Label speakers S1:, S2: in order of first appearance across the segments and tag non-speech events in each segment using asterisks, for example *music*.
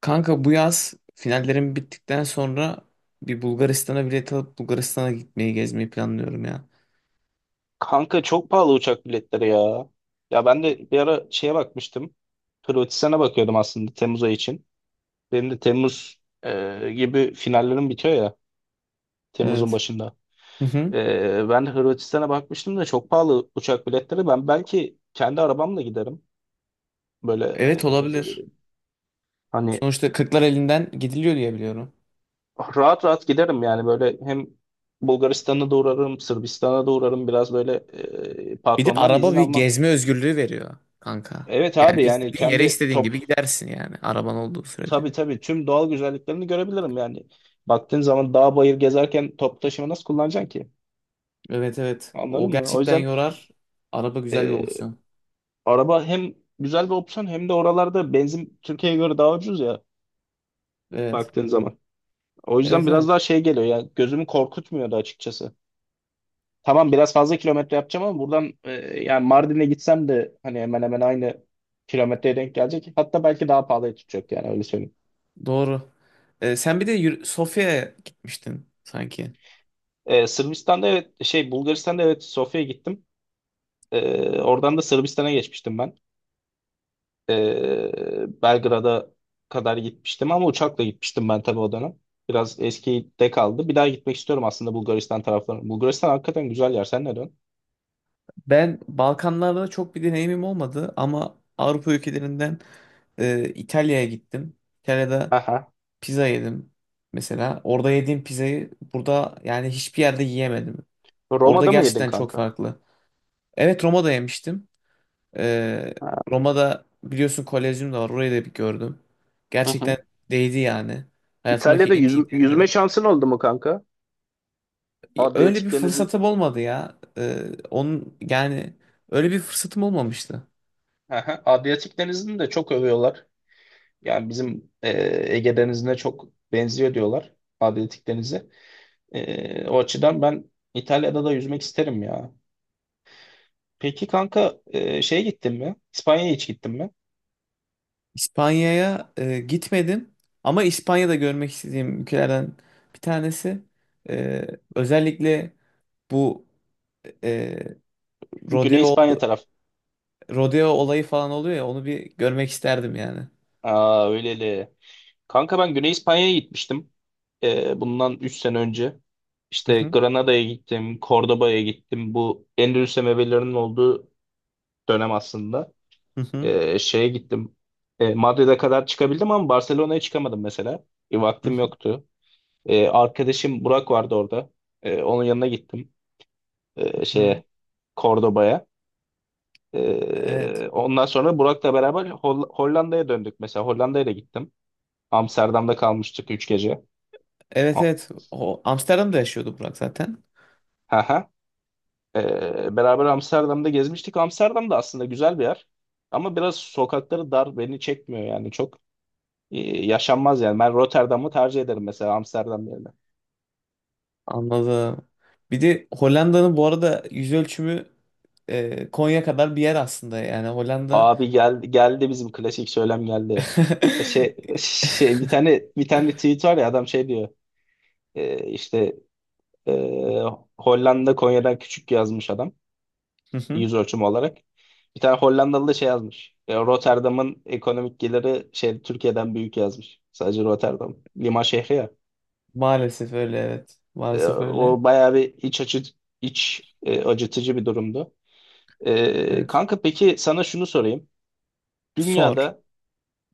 S1: Kanka bu yaz finallerim bittikten sonra bir Bulgaristan'a bilet alıp Bulgaristan'a gitmeyi gezmeyi planlıyorum ya.
S2: Kanka çok pahalı uçak biletleri ya. Ya ben de bir ara şeye bakmıştım. Hırvatistan'a bakıyordum aslında Temmuz ayı için. Benim de Temmuz gibi finallerim bitiyor ya. Temmuz'un
S1: Evet.
S2: başında.
S1: Hı hı.
S2: Ben de Hırvatistan'a bakmıştım da çok pahalı uçak biletleri. Ben belki kendi arabamla giderim. Böyle
S1: Evet, olabilir.
S2: hani
S1: Sonuçta kırklar elinden gidiliyor diye biliyorum.
S2: rahat rahat giderim yani böyle hem Bulgaristan'a da uğrarım, Sırbistan'a da uğrarım. Biraz böyle
S1: Bir de
S2: patrondan da
S1: araba
S2: izin
S1: bir
S2: almam.
S1: gezme özgürlüğü veriyor kanka.
S2: Evet
S1: Yani
S2: abi yani
S1: istediğin yere
S2: kendi.
S1: istediğin gibi gidersin yani araban olduğu sürece.
S2: Tabii tabii tüm doğal güzelliklerini görebilirim yani. Baktığın zaman dağ bayır gezerken top taşıma nasıl kullanacaksın ki?
S1: Evet, evet. O
S2: Anladın mı? O
S1: gerçekten
S2: yüzden
S1: yorar. Araba güzel bir
S2: e,
S1: opsiyon.
S2: araba hem güzel bir opsiyon hem de oralarda benzin Türkiye'ye göre daha ucuz ya
S1: Evet.
S2: baktığın zaman. O yüzden
S1: Evet,
S2: biraz
S1: evet.
S2: daha şey geliyor ya, gözümü korkutmuyordu açıkçası. Tamam, biraz fazla kilometre yapacağım ama buradan yani Mardin'e gitsem de hani hemen hemen aynı kilometreye denk gelecek. Hatta belki daha pahalıya tutacak yani, öyle söyleyeyim.
S1: Doğru. Sen bir de Sofya'ya gitmiştin sanki.
S2: Sırbistan'da evet şey Bulgaristan'da evet Sofya'ya gittim. Oradan da Sırbistan'a geçmiştim ben. Belgrad'a kadar gitmiştim ama uçakla gitmiştim ben tabii o dönem. Biraz eskide kaldı. Bir daha gitmek istiyorum aslında Bulgaristan taraflarına. Bulgaristan hakikaten güzel yer. Sen ne dön?
S1: Ben Balkanlarda çok bir deneyimim olmadı ama Avrupa ülkelerinden İtalya'ya gittim. İtalya'da
S2: Aha.
S1: pizza yedim mesela. Orada yediğim pizzayı burada yani hiçbir yerde yiyemedim. Orada
S2: Roma'da mı yedin
S1: gerçekten çok
S2: kanka?
S1: farklı. Evet, Roma'da yemiştim. E,
S2: Ha.
S1: Roma'da biliyorsun Kolezyum da var. Orayı da bir gördüm.
S2: Hı
S1: Gerçekten
S2: hı.
S1: değdi yani. Hayatımdaki
S2: İtalya'da
S1: en iyi
S2: yüzme
S1: deneyimlerim.
S2: şansın oldu mu kanka?
S1: Öyle bir
S2: Adriyatik Denizi.
S1: fırsatım olmadı ya. Onun yani öyle bir fırsatım olmamıştı.
S2: Aha. Adriyatik Denizi'ni de çok övüyorlar. Yani bizim Ege Denizi'ne çok benziyor diyorlar. Adriyatik Denizi. O açıdan ben İtalya'da da yüzmek isterim ya. Peki kanka şeye gittin mi? İspanya'ya hiç gittin mi?
S1: İspanya'ya gitmedim ama İspanya'da görmek istediğim ülkelerden bir tanesi. E, özellikle bu e,
S2: Güney
S1: rodeo
S2: İspanya taraf.
S1: rodeo olayı falan oluyor ya onu bir görmek isterdim yani.
S2: Aa öyleli. Kanka ben Güney İspanya'ya gitmiştim. Bundan 3 sene önce.
S1: Hı
S2: İşte
S1: hı,
S2: Granada'ya gittim, Cordoba'ya gittim. Bu Endülüs emevilerinin olduğu dönem aslında.
S1: hı hı,
S2: Şeye gittim. Madrid'e kadar çıkabildim ama Barcelona'ya çıkamadım mesela.
S1: hı
S2: Vaktim
S1: hı,
S2: yoktu. Arkadaşım Burak vardı orada. Onun yanına gittim.
S1: hı.
S2: Şeye Cordoba'ya.
S1: Evet.
S2: Ondan sonra Burak'la beraber Hollanda'ya döndük. Mesela Hollanda'ya da gittim. Amsterdam'da kalmıştık 3 gece.
S1: Evet,
S2: A-
S1: evet. O Amsterdam'da yaşıyordu Burak zaten.
S2: Hı hı. Beraber Amsterdam'da gezmiştik. Amsterdam da aslında güzel bir yer. Ama biraz sokakları dar, beni çekmiyor yani çok e, yaşanmaz yani. Ben Rotterdam'ı tercih ederim mesela Amsterdam yerine.
S1: Anladım. Bir de Hollanda'nın bu arada yüz ölçümü Konya kadar bir yer aslında yani Hollanda.
S2: Abi gel, geldi bizim klasik söylem geldi. E,
S1: *laughs*
S2: Şey, şey bir tane tweet var ya, adam şey diyor. İşte e, Hollanda Konya'dan küçük yazmış adam
S1: Hı hı.
S2: yüz ölçümü olarak. Bir tane Hollandalı da şey yazmış. Rotterdam'ın ekonomik geliri şey Türkiye'den büyük yazmış. Sadece Rotterdam. Liman şehri ya.
S1: Maalesef öyle, evet. Maalesef öyle.
S2: O bayağı bir iç acıtıcı bir durumdu.
S1: Evet.
S2: Kanka peki sana şunu sorayım.
S1: Sor.
S2: Dünyada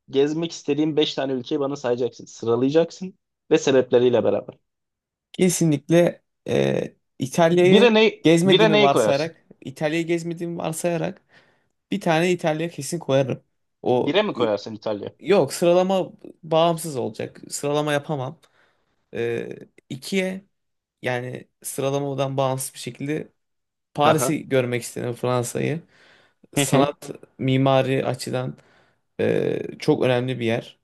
S2: gezmek istediğin 5 tane ülkeyi bana sayacaksın. Sıralayacaksın ve sebepleriyle beraber.
S1: Kesinlikle
S2: Bire
S1: İtalya'yı
S2: ne, bire
S1: gezmediğimi
S2: neyi koyarsın?
S1: varsayarak, İtalya'yı gezmediğimi varsayarak bir tane İtalya kesin koyarım. O
S2: Bire mi koyarsın İtalya?
S1: yok, sıralama bağımsız olacak. Sıralama yapamam. E, ikiye yani sıralamadan bağımsız bir şekilde
S2: Aha.
S1: Paris'i görmek istedim, Fransa'yı.
S2: Hı hı.
S1: Sanat, mimari açıdan çok önemli bir yer.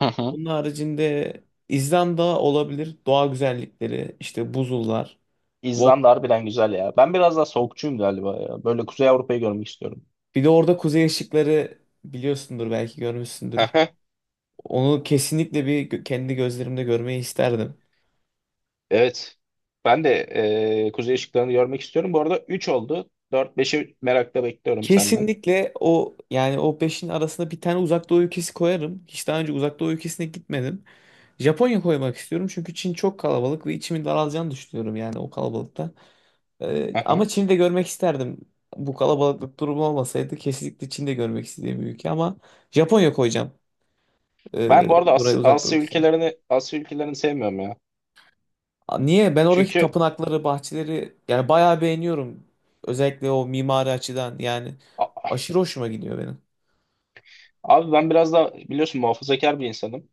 S2: Hı hı.
S1: Bunun haricinde İzlanda olabilir. Doğa güzellikleri, işte buzullar.
S2: İzlanda
S1: vol-
S2: harbiden güzel ya. Ben biraz daha soğukçuyum galiba ya. Böyle Kuzey Avrupa'yı görmek istiyorum.
S1: Bir de orada kuzey ışıkları biliyorsundur, belki görmüşsündür.
S2: Aha,
S1: Onu kesinlikle bir kendi gözlerimde görmeyi isterdim.
S2: evet. Ben de kuzey ışıklarını görmek istiyorum. Bu arada 3 oldu. Dört, 5'i merakla bekliyorum senden.
S1: Kesinlikle o yani o beşin arasında bir tane uzak doğu ülkesi koyarım. Hiç daha önce uzak doğu ülkesine gitmedim. Japonya koymak istiyorum çünkü Çin çok kalabalık ve içimin daralacağını düşünüyorum yani o kalabalıkta. Ama
S2: Aha.
S1: Çin'i de görmek isterdim. Bu kalabalıklık durumu olmasaydı kesinlikle Çin'de görmek istediğim bir ülke ama Japonya koyacağım.
S2: Ben
S1: Ee,
S2: bu arada
S1: buraya uzak doğu
S2: Asya
S1: ülkeler.
S2: ülkelerini Asya ülkelerini sevmiyorum ya.
S1: Aa, niye? Ben oradaki
S2: Çünkü
S1: tapınakları, bahçeleri yani bayağı beğeniyorum. Özellikle o mimari açıdan yani
S2: a-
S1: aşırı hoşuma gidiyor benim.
S2: abi ben biraz da biliyorsun muhafazakar bir insanım.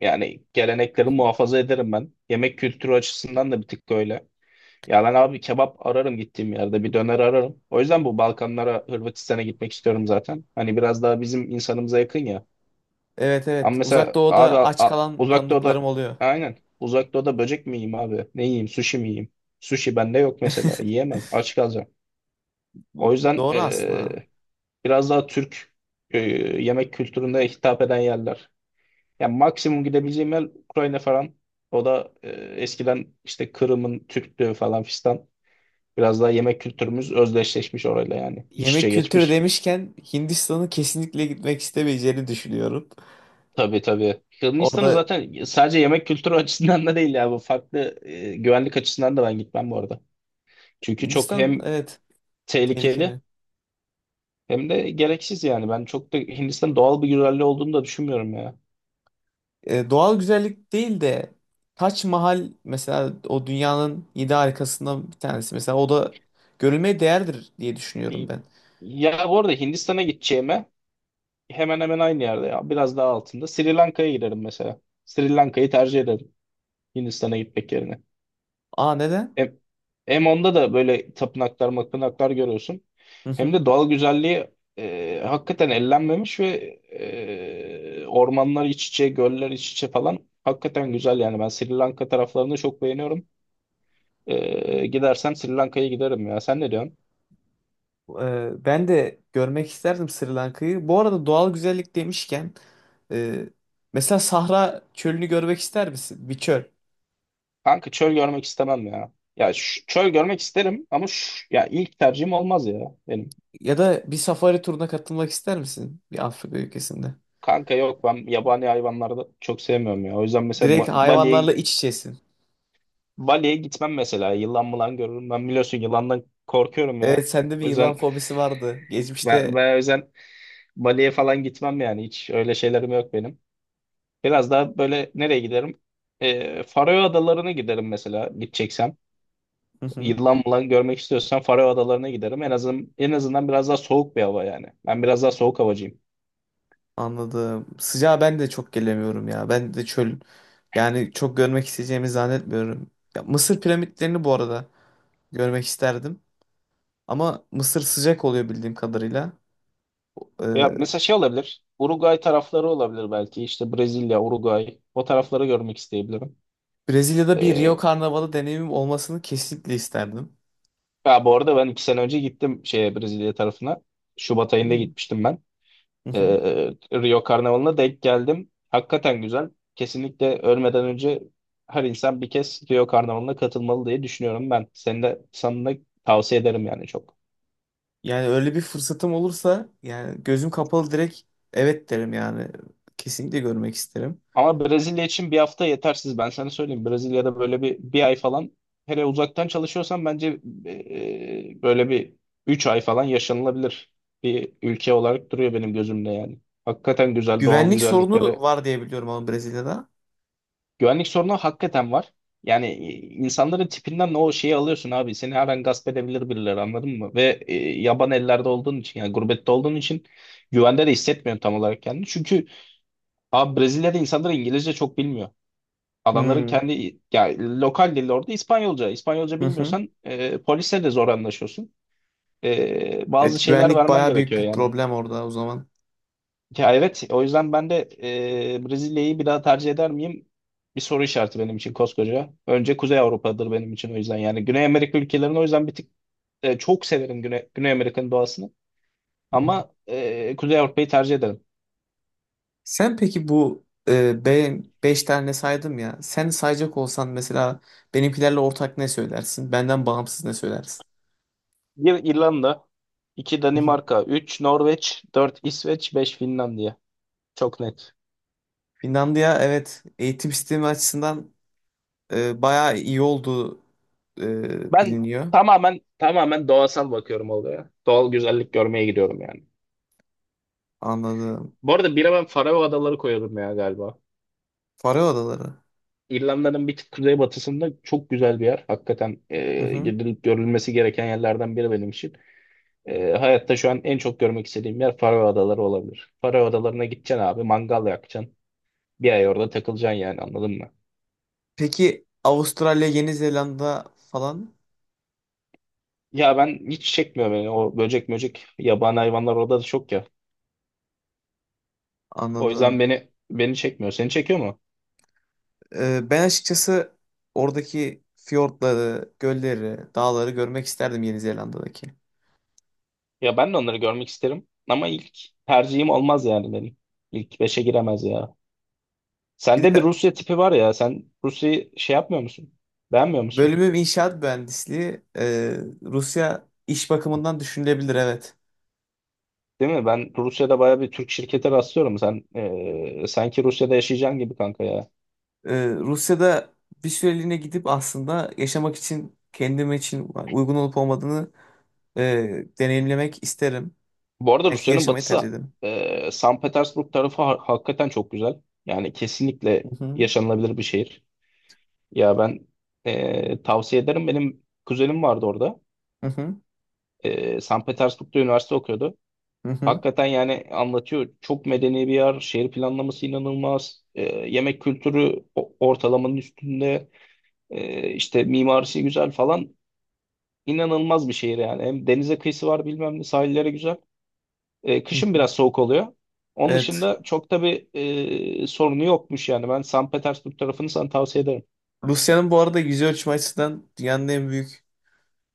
S2: Yani gelenekleri muhafaza ederim ben. Yemek kültürü açısından da bir tık öyle. Ya ben abi kebap ararım gittiğim yerde. Bir döner ararım. O yüzden bu Balkanlara, Hırvatistan'a gitmek istiyorum zaten. Hani biraz daha bizim insanımıza yakın ya.
S1: Evet,
S2: Ama
S1: evet. Uzak
S2: mesela abi
S1: Doğu'da aç kalan
S2: Uzak Doğu'da
S1: tanıdıklarım oluyor.
S2: aynen. Uzak Doğu'da böcek mi yiyeyim abi? Ne yiyeyim? Sushi mi yiyeyim? Sushi bende yok mesela.
S1: *laughs*
S2: Yiyemem. Aç kalacağım. O
S1: Bu
S2: yüzden
S1: doğru aslında.
S2: biraz daha Türk yemek kültürüne hitap eden yerler. Yani maksimum gidebileceğim yer Ukrayna falan. O da eskiden işte Kırım'ın Türktü falan fistan. Biraz daha yemek kültürümüz özdeşleşmiş orayla yani. İç
S1: Yemek
S2: içe
S1: kültürü
S2: geçmiş.
S1: demişken Hindistan'ı kesinlikle gitmek istemeyeceğini düşünüyorum.
S2: Tabii tabii. Hırvatistan'ı
S1: Orada
S2: zaten sadece yemek kültürü *laughs* açısından da değil ya. Bu farklı güvenlik açısından da ben gitmem bu arada. Çünkü çok
S1: Hindistan,
S2: hem
S1: evet,
S2: tehlikeli
S1: tehlikeli.
S2: hem de gereksiz yani. Ben çok da Hindistan doğal bir güzelliği olduğunu da düşünmüyorum ya.
S1: Doğal güzellik değil de Taç Mahal mesela, o dünyanın yedi harikasından bir tanesi. Mesela o da görülmeye değerdir diye
S2: E,
S1: düşünüyorum ben.
S2: Ya bu arada Hindistan'a gideceğime hemen hemen aynı yerde ya. Biraz daha altında. Sri Lanka'ya giderim mesela. Sri Lanka'yı tercih ederim Hindistan'a gitmek yerine.
S1: Aa, neden?
S2: Hem, hem onda da böyle tapınaklar mapınaklar görüyorsun. Hem de
S1: *laughs*
S2: doğal güzelliği hakikaten ellenmemiş ve ormanlar iç içe, göller iç içe falan hakikaten güzel yani. Ben Sri Lanka taraflarını çok beğeniyorum. Gidersen Sri Lanka'ya giderim ya. Sen ne diyorsun?
S1: Ben de görmek isterdim Sri Lanka'yı. Bu arada doğal güzellik demişken e, mesela Sahra çölünü görmek ister misin? Bir çöl.
S2: Kanka çöl görmek istemem ya. Ya çöl görmek isterim ama şu, ya ilk tercihim olmaz ya benim.
S1: Ya da bir safari turuna katılmak ister misin? Bir Afrika ülkesinde.
S2: Kanka yok, ben yabani hayvanları da çok sevmiyorum ya. O yüzden mesela
S1: Direkt
S2: ba
S1: hayvanlarla
S2: Bali'ye
S1: iç içesin.
S2: Bali'ye gitmem mesela. Yılan mılan görürüm. Ben biliyorsun yılandan korkuyorum
S1: Evet,
S2: ya.
S1: sende bir
S2: O
S1: yılan
S2: yüzden
S1: fobisi vardı.
S2: ben,
S1: Geçmişte.
S2: ben o yüzden Bali'ye falan gitmem yani. Hiç öyle şeylerim yok benim. Biraz daha böyle nereye giderim? Faroe Adaları'na giderim mesela gideceksem.
S1: Hı hı,
S2: Yılan mılan görmek istiyorsan Faroe Adaları'na giderim. En azından biraz daha soğuk bir hava yani. Ben biraz daha soğuk havacıyım.
S1: anladım. Sıcağa ben de çok gelemiyorum ya. Ben de çöl yani çok görmek isteyeceğimi zannetmiyorum. Ya, Mısır piramitlerini bu arada görmek isterdim. Ama Mısır sıcak oluyor bildiğim kadarıyla.
S2: Ya
S1: Ee,
S2: mesela şey olabilir. Uruguay tarafları olabilir belki. İşte Brezilya, Uruguay. O tarafları görmek isteyebilirim.
S1: Brezilya'da bir Rio
S2: Ee,
S1: Karnavalı deneyimim olmasını kesinlikle isterdim.
S2: Ya bu arada ben 2 sene önce gittim şeye Brezilya tarafına. Şubat ayında
S1: Hmm.
S2: gitmiştim ben.
S1: Hı
S2: Ee,
S1: hı.
S2: Rio Karnavalı'na denk geldim. Hakikaten güzel. Kesinlikle ölmeden önce her insan bir kez Rio Karnavalı'na katılmalı diye düşünüyorum ben. Seni de sana da tavsiye ederim yani çok.
S1: Yani öyle bir fırsatım olursa yani gözüm kapalı direkt evet derim yani. Kesinlikle görmek isterim.
S2: Ama Brezilya için bir hafta yetersiz. Ben sana söyleyeyim. Brezilya'da böyle bir ay falan, hele uzaktan çalışıyorsan bence böyle bir 3 ay falan yaşanılabilir bir ülke olarak duruyor benim gözümde yani. Hakikaten güzel doğal
S1: Güvenlik
S2: güzellikleri.
S1: sorunu var diye biliyorum ama Brezilya'da.
S2: Güvenlik sorunu hakikaten var. Yani insanların tipinden o şeyi alıyorsun abi. Seni her an gasp edebilir birileri, anladın mı? Ve yaban ellerde olduğun için, yani gurbette olduğun için güvende de hissetmiyorum tam olarak kendini. Çünkü abi Brezilya'da insanlar İngilizce çok bilmiyor. Adamların
S1: Hmm.
S2: kendi, yani lokal dili orada İspanyolca. İspanyolca
S1: *laughs* Hı hı.
S2: bilmiyorsan polisle de zor anlaşıyorsun. Bazı
S1: Evet,
S2: şeyler
S1: güvenlik
S2: vermen
S1: baya büyük
S2: gerekiyor
S1: bir
S2: yani.
S1: problem orada o zaman.
S2: Ya evet, o yüzden ben de Brezilya'yı bir daha tercih eder miyim? Bir soru işareti benim için koskoca. Önce Kuzey Avrupa'dır benim için o yüzden, yani Güney Amerika ülkelerini o yüzden bir tık çok severim Güney Amerika'nın doğasını. Ama Kuzey Avrupa'yı tercih ederim.
S1: Sen peki bu beş tane saydım ya. Sen sayacak olsan mesela benimkilerle ortak ne söylersin? Benden bağımsız ne söylersin?
S2: Bir İrlanda, iki
S1: *laughs* Hı hı.
S2: Danimarka, üç Norveç, dört İsveç, beş Finlandiya. Çok net.
S1: Finlandiya, evet, eğitim sistemi açısından bayağı iyi olduğu
S2: Ben
S1: biliniyor.
S2: tamamen tamamen doğasal bakıyorum olaya. Doğal güzellik görmeye gidiyorum yani.
S1: Anladım.
S2: Bu arada bire ben Faroe Adaları koyarım ya galiba.
S1: Faroe Adaları.
S2: İrlanda'nın bir tık kuzeybatısında çok güzel bir yer. Hakikaten
S1: Hı hı.
S2: gidilip görülmesi gereken yerlerden biri benim için. Hayatta şu an en çok görmek istediğim yer Faroe Adaları olabilir. Faroe Adaları'na gideceksin abi, mangal yakacaksın. Bir ay orada takılacaksın yani, anladın mı?
S1: Peki Avustralya, Yeni Zelanda falan,
S2: Ya ben hiç çekmiyor beni, o böcek möcek yabani hayvanlar orada da çok ya. O yüzden
S1: anladım.
S2: beni çekmiyor. Seni çekiyor mu?
S1: Ben açıkçası oradaki fiyortları, gölleri, dağları görmek isterdim Yeni Zelanda'daki.
S2: Ya ben de onları görmek isterim ama ilk tercihim olmaz yani benim. İlk beşe giremez ya.
S1: Bir
S2: Sende bir
S1: de
S2: Rusya tipi var ya. Sen Rusya'yı şey yapmıyor musun? Beğenmiyor musun?
S1: bölümüm inşaat mühendisliği. Rusya iş bakımından düşünülebilir, evet.
S2: Değil mi? Ben Rusya'da bayağı bir Türk şirkete rastlıyorum. Sen sanki Rusya'da yaşayacaksın gibi kanka ya.
S1: Rusya'da bir süreliğine gidip aslında yaşamak için kendim için uygun olup olmadığını deneyimlemek isterim.
S2: Bu arada
S1: Belki
S2: Rusya'nın
S1: yaşamayı tercih
S2: batısı
S1: ederim.
S2: San Petersburg tarafı hakikaten çok güzel. Yani kesinlikle
S1: Hı hı,
S2: yaşanılabilir bir şehir. Ya ben tavsiye ederim. Benim kuzenim vardı orada.
S1: hı hı,
S2: San Petersburg'da üniversite okuyordu.
S1: hı hı,
S2: Hakikaten yani anlatıyor. Çok medeni bir yer. Şehir planlaması inanılmaz. Yemek kültürü ortalamanın üstünde. İşte mimarisi güzel falan. İnanılmaz bir şehir yani. Hem denize kıyısı var, bilmem ne, sahilleri güzel.
S1: hı
S2: Kışın
S1: hı.
S2: biraz soğuk oluyor. Onun
S1: Evet.
S2: dışında çok da bir sorunu yokmuş yani. Ben San Petersburg tarafını sana tavsiye ederim.
S1: Rusya'nın bu arada yüz ölçme açısından dünyanın en büyük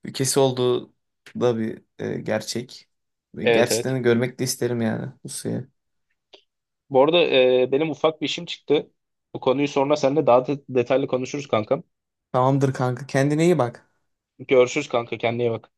S1: ülkesi olduğu da bir gerçek. Ve
S2: Evet
S1: gerçekten
S2: evet.
S1: de görmek de isterim yani Rusya'yı.
S2: Bu arada benim ufak bir işim çıktı. Bu konuyu sonra seninle daha detaylı konuşuruz kankam.
S1: Tamamdır kanka. Kendine iyi bak.
S2: Görüşürüz kanka, kendine iyi bak.